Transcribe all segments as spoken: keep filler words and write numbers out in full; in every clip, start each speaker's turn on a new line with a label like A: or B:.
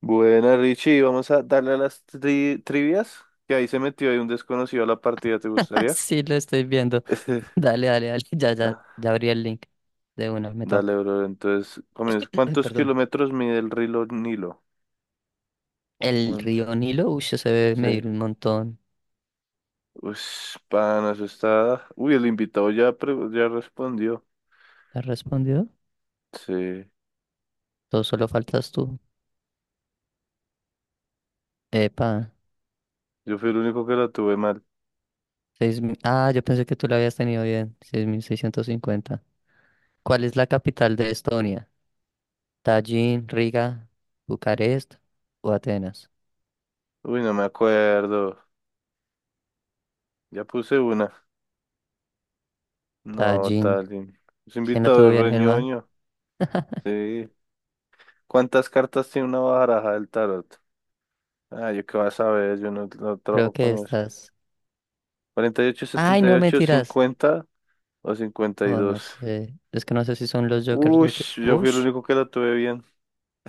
A: Buena, Richie, vamos a darle a las tri- trivias, que ahí se metió ahí un desconocido a la partida, ¿te gustaría?
B: Sí, lo estoy viendo. Dale, dale, dale. Ya, ya,
A: Ah,
B: ya abrí el link de una. Me tomo.
A: dale, bro, entonces, comienza. ¿Cuántos
B: Perdón.
A: kilómetros mide el río Nilo?
B: El
A: Un-
B: río Nilo, uy, se debe
A: Sí.
B: medir un montón.
A: Uy, pana, eso está... Uy, el invitado ya, pre- ya respondió.
B: ¿Has respondido?
A: Sí,
B: Todo solo faltas tú. Epa.
A: yo fui el único que la tuve mal.
B: seis mil. Ah, yo pensé que tú lo habías tenido bien. Seis mil seiscientos cincuenta. ¿Cuál es la capital de Estonia? Tallin, Riga, Bucarest o Atenas.
A: Uy, no me acuerdo. Ya puse una. No,
B: Tallin.
A: tal. in- Ese
B: ¿Quién la tuvo
A: invitado es
B: bien, Germán?
A: reñoño. Sí. ¿Cuántas cartas tiene una baraja del tarot? Ah, yo qué vas a ver, yo no, no
B: Creo
A: trabajo
B: que
A: con eso.
B: estás.
A: Cuarenta y ocho,
B: Ay,
A: setenta y
B: no,
A: ocho
B: mentiras.
A: cincuenta o cincuenta y
B: Oh, no
A: dos
B: sé. Es que no sé si son los Jokers
A: Uy,
B: lo que.
A: yo fui el
B: Ush,
A: único que la tuve bien.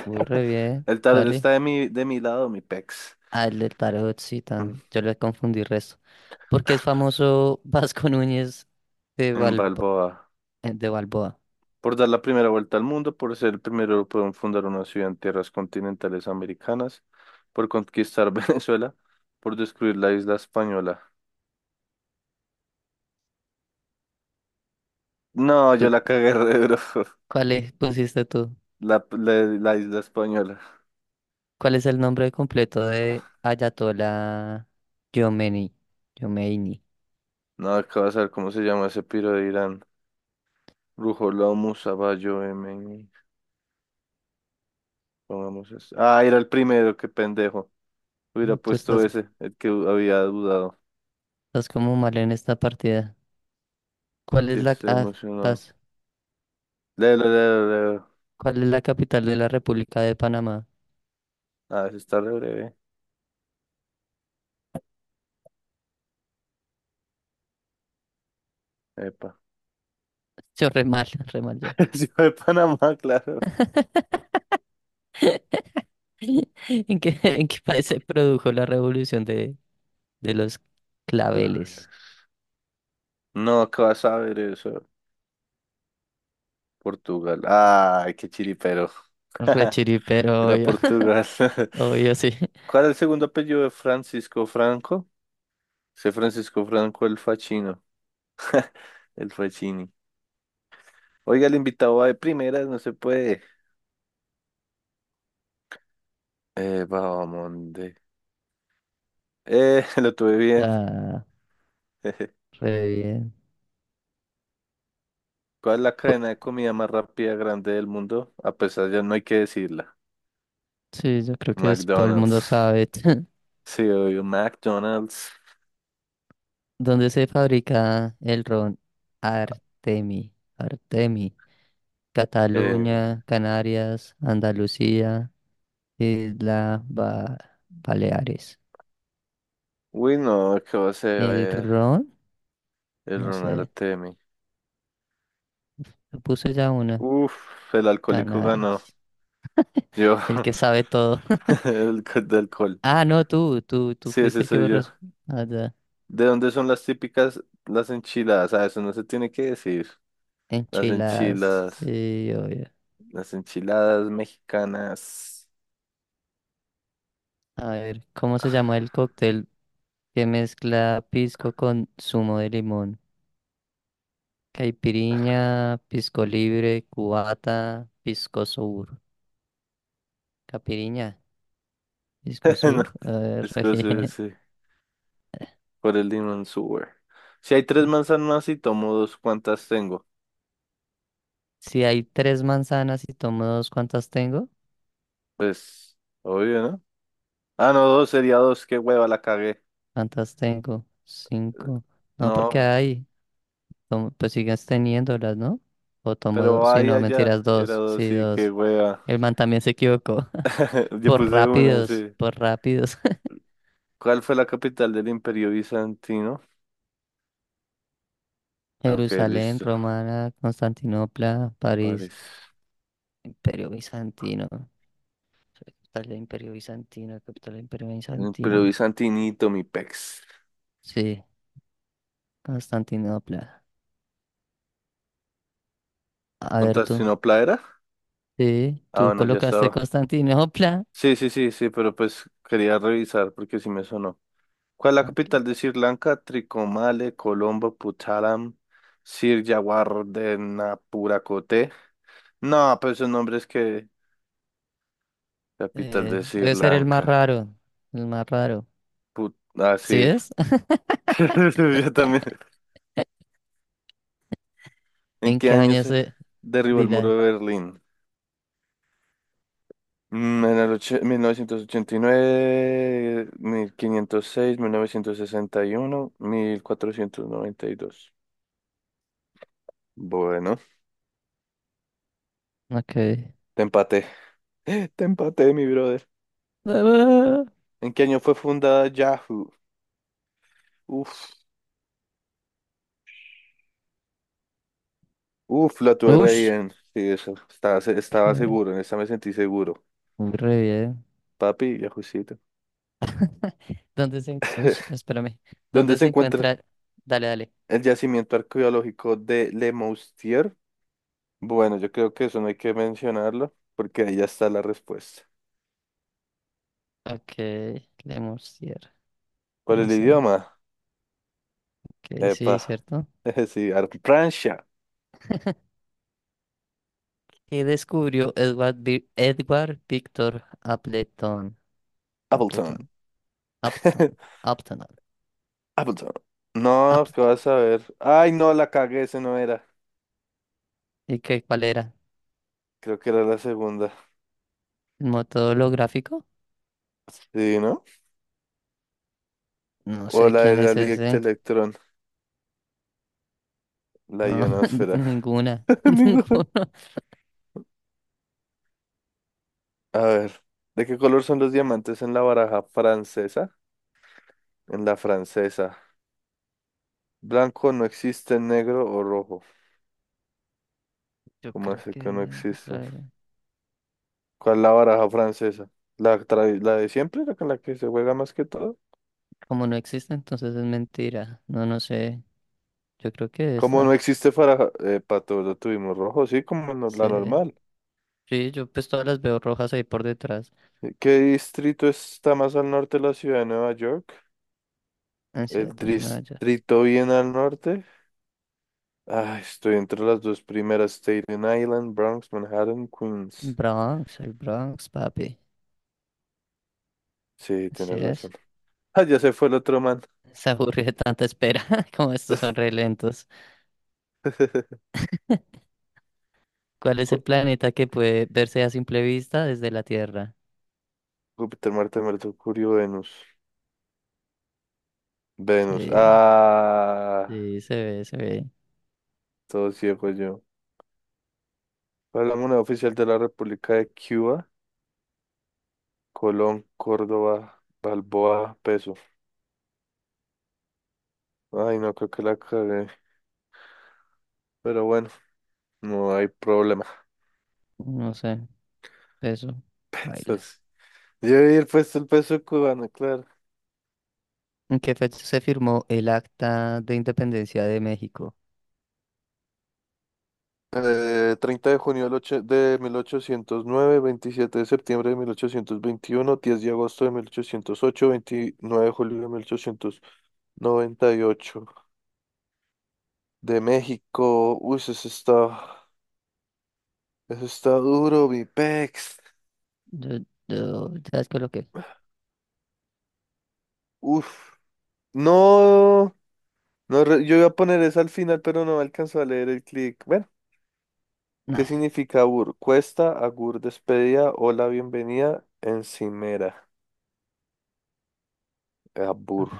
B: muy re bien.
A: El tarot
B: Dale.
A: está de mi, de mi lado, mi pex.
B: Ah, el del tarot, sí,
A: Mm,
B: tan. Yo le confundí el resto. Porque es famoso Vasco Núñez de
A: En
B: Balbo-
A: Balboa.
B: eh, de Balboa.
A: Por dar la primera vuelta al mundo, por ser el primero europeo en fundar una ciudad en tierras continentales americanas, por conquistar Venezuela, por descubrir la isla española. No, yo
B: ¿Tú,
A: la cagué re duro.
B: cuál es, pusiste tú?
A: La, la, la isla española.
B: ¿Cuál es el nombre completo de Ayatollah Khomeini? Khomeini.
A: No, acabas de ver cómo se llama ese piro de Irán. Rujolomus, Saballo, M. Pongamos eso. Ah, era el primero, qué pendejo. Hubiera
B: Uy, tú
A: puesto
B: estás,
A: ese, el que había dudado.
B: estás como mal en esta partida. ¿Cuál es
A: Que
B: la,
A: se
B: ah,
A: emocionó.
B: estás-
A: Leo, leo, leo.
B: ¿cuál es la capital de la República de Panamá?
A: Ah, ese está re breve. Epa.
B: Yo re mal, re mal yo.
A: Ciudad de Panamá, claro.
B: ¿En qué, en qué país se produjo la revolución de, de los
A: Claro.
B: claveles?
A: No, ¿qué vas a ver eso? Portugal. Ay, qué chiripero.
B: Re chiripero,
A: Era
B: obvio.
A: Portugal.
B: Obvio, sí.
A: ¿Cuál es el segundo apellido de Francisco Franco? Sé Francisco Franco el Facchino. El Facchini. Oiga, el invitado va de primeras, no se puede. Eh, Babamonde. Eh, lo tuve bien.
B: Ah, re bien.
A: ¿Cuál es la
B: Cu-
A: cadena de comida más rápida grande del mundo? A pesar ya no hay que decirla.
B: Sí, yo creo que es- todo el mundo
A: McDonald's.
B: sabe.
A: Sí, obvio, McDonald's.
B: ¿Dónde se fabrica el ron Artemi? Artemi.
A: Eh,
B: Cataluña, Canarias, Andalucía, Isla Ba- Baleares.
A: uy, no, ¿qué va a
B: ¿El
A: ser
B: ron?
A: el
B: No
A: Ron
B: sé.
A: Artemi?
B: Yo puse ya una.
A: Uf, el alcohólico ganó.
B: Canarias.
A: Yo,
B: El que sabe todo.
A: el co- de alcohol.
B: Ah, no, tú, tú, tú
A: Sí,
B: fuiste
A: ese
B: el que
A: soy
B: borró
A: yo.
B: eso. Ah, ya.
A: ¿De dónde son las típicas las enchiladas? Ah, eso no se tiene que decir. Las
B: Enchiladas.
A: enchiladas.
B: Sí, obvio.
A: Las enchiladas mexicanas.
B: A ver, ¿cómo se llama el cóctel que mezcla pisco con zumo de limón? Caipiriña, pisco libre, cubata, pisco sur. Capiriña, pisco
A: No,
B: sur. A ver,
A: es cosa
B: bien.
A: ese, por el limón sour. Si hay tres manzanas y tomo dos, ¿cuántas tengo?
B: Si hay tres manzanas y tomo dos, ¿cuántas tengo?
A: Pues, obvio, ¿no? Ah, no, dos, sería dos, qué hueva, la cagué.
B: ¿Cuántas tengo? Cinco. No, porque
A: No,
B: hay. Tomo- pues sigues teniéndolas, ¿no? O tomo dos.
A: pero
B: Sí,
A: ahí
B: no,
A: allá,
B: mentiras,
A: era
B: dos.
A: dos,
B: Sí,
A: sí, qué
B: dos.
A: hueva.
B: El man también se equivocó.
A: Yo
B: Por
A: puse una,
B: rápidos,
A: sí.
B: por rápidos.
A: ¿Cuál fue la capital del Imperio Bizantino? Ah, ok,
B: Jerusalén,
A: listo,
B: Romana, Constantinopla, París.
A: París.
B: Imperio Bizantino. Capital del Imperio Bizantino, capital del Imperio
A: El Imperio
B: Bizantino.
A: Bizantinito, mi pex.
B: Sí, Constantinopla. A ver
A: ¿Contaste
B: tú.
A: una playera?
B: Sí,
A: Ah,
B: tú
A: bueno, ya
B: colocaste
A: estaba.
B: Constantinopla.
A: Sí, sí, sí, sí, pero pues quería revisar porque sí me sonó. ¿Cuál es la
B: Ah, Ok.
A: capital de Sri Lanka? Tricomale, Colombo, Puttalam, Sirjawardenapuracote. No, pues esos nombres que... Capital
B: Eh,
A: de Sri
B: debe ser el más
A: Lanka.
B: raro. El más raro.
A: Put... Ah,
B: ¿Sí
A: sí.
B: es?
A: Yo también. ¿En
B: ¿En
A: qué
B: qué
A: año
B: año
A: se
B: se...?
A: derribó el muro
B: Dila.
A: de Berlín? Mm, En el ocho- mil novecientos ochenta y nueve, mil quinientos seis, mil novecientos sesenta y uno, mil cuatrocientos noventa y dos. Bueno,
B: Ok.
A: te empaté. Te empaté, mi brother.
B: Ah,
A: ¿En qué año fue fundada Yahoo? Uf, uf, la tuve re
B: ush,
A: bien. Sí, eso. Estaba, se- estaba
B: re,
A: seguro, en esta me sentí seguro.
B: muy re bien.
A: Papi, Yahoocito.
B: ¿Dónde se, en- ush, espérame.
A: ¿Dónde
B: ¿Dónde
A: se
B: se
A: encuentra
B: encuentra? Dale, dale.
A: el yacimiento arqueológico de Le Moustier? Bueno, yo creo que eso no hay que mencionarlo, porque ahí ya está la respuesta.
B: Ok, Lemurcier.
A: ¿Cuál es
B: No
A: el
B: sé.
A: idioma?
B: Ok, sí,
A: Epa.
B: cierto.
A: Sí, Ar- Francia.
B: ¿Qué descubrió Edward, Vi- Edward Victor Appleton?
A: Appleton.
B: Appleton, Appleton, Appleton,
A: Appleton. No, ¿qué
B: Appleton.
A: vas a ver? Ay, no, la cagué, ese no era.
B: ¿Y qué, cuál era?
A: Creo que era la segunda.
B: ¿El método holográfico?
A: Sí, ¿no?
B: No
A: O
B: sé
A: la de
B: quién
A: la
B: es
A: directa
B: ese.
A: electrón, la
B: No,
A: ionosfera.
B: ninguna,
A: Digo,
B: ninguno.
A: a ver, ¿de qué color son los diamantes en la baraja francesa? En la francesa. Blanco no existe, negro o rojo.
B: Yo
A: ¿Cómo
B: creo
A: es que no
B: que... pues,
A: existen?
B: claro.
A: ¿Cuál es la baraja francesa? ¿La, tra- la de siempre, la con la que se juega más que todo?
B: Como no existe, entonces es mentira. No, no sé. Yo creo que
A: ¿Cómo no
B: esta.
A: existe para Eh, pato, lo tuvimos rojo, sí, como no-
B: Sí.
A: la normal.
B: Sí, yo pues todas las veo rojas ahí por detrás.
A: ¿Qué distrito está más al norte de la ciudad de Nueva York?
B: Ansiedad
A: El
B: en Maya.
A: distrito bien al norte. Ah, estoy entre las dos primeras, Staten Island, Bronx, Manhattan, Queens.
B: Bronx, el Bronx, papi.
A: Sí,
B: Así
A: tienes razón.
B: es.
A: Ah, ya se fue el otro man.
B: Se aburrió de tanta espera, como estos son re lentos. ¿Cuál es
A: Ju-
B: el planeta que puede verse a simple vista desde la Tierra?
A: Júpiter, Marte, Mercurio, Venus. Venus.
B: Sí,
A: Ah,
B: sí, se ve, se ve.
A: todo ciego yo. ¿Cuál es la moneda oficial de la República de Cuba? Colón, Córdoba, Balboa, peso. Ay, no creo que la cagué. Pero bueno, no hay problema.
B: No sé, eso. Baila.
A: Entonces, yo he puesto el peso cubano, claro.
B: ¿En qué fecha se firmó el Acta de Independencia de México?
A: Eh, treinta de junio del ocho- de mil ochocientos nueve, veintisiete de septiembre de mil ochocientos veintiuno, diez de agosto de mil ochocientos ocho, veintinueve de julio de mil ochocientos noventa y ocho. De México, uy, eso está, eso está duro, mi pex.
B: Yo, yo ya descoloqué.
A: Uf, no, no, re- yo iba a poner eso al final, pero no alcanzó a leer el clic. Bueno,
B: Nah.
A: ¿qué significa abur? Cuesta, agur, despedida, hola, bienvenida, encimera, abur.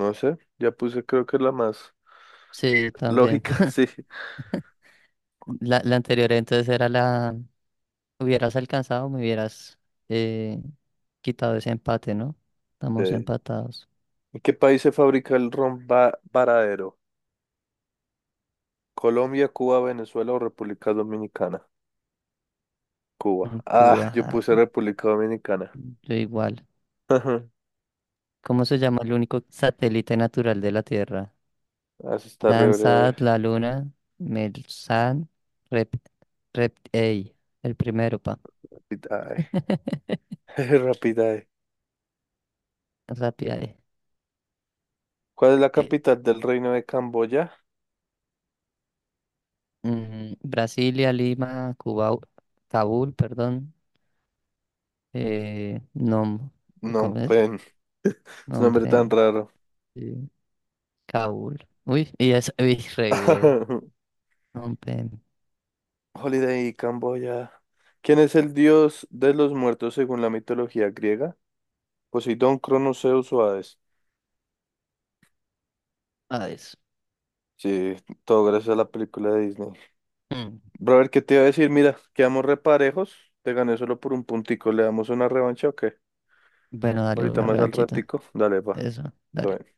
A: No sé, ya puse creo que la más
B: Sí, también.
A: lógica, sí.
B: La, la anterior entonces era la... Hubieras alcanzado, me hubieras eh, quitado ese empate, ¿no? Estamos
A: Eh,
B: empatados
A: ¿en qué país se fabrica el ron va- varadero? ¿Colombia, Cuba, Venezuela o República Dominicana? Cuba.
B: en
A: Ah,
B: Cuba.
A: yo
B: ajá.
A: puse República Dominicana.
B: Yo igual. ¿Cómo se llama el único satélite natural de la Tierra?
A: Así está re breve.
B: Landsat, la Luna, Melsan, Rep, Rep, ey, el primero, pa.
A: Rapidae. Rapidae.
B: Rápida, eh.
A: ¿Cuál es la
B: Eh,
A: capital del reino de Camboya?
B: mm, Brasilia, Lima, Cuba, Kabul, perdón. eh, Nom,
A: Phnom
B: ¿cómo es?
A: Penh. Es un
B: Nom
A: nombre tan raro.
B: eh, Kabul. Uy, y es, uy, re bien. Nom Pen,
A: Holiday, Camboya. ¿Quién es el dios de los muertos según la mitología griega? Poseidón, Cronos, Zeus o Hades.
B: Hades.
A: Sí, todo gracias a la película de Disney.
B: Mm.
A: Brother, ¿qué te iba a decir? Mira, quedamos reparejos. Te gané solo por un puntico. ¿Le damos una revancha o qué?
B: Bueno, dale
A: Ahorita
B: una
A: más al
B: revanchita.
A: ratico. Dale, va.
B: Eso,
A: Todo
B: dale.
A: bien.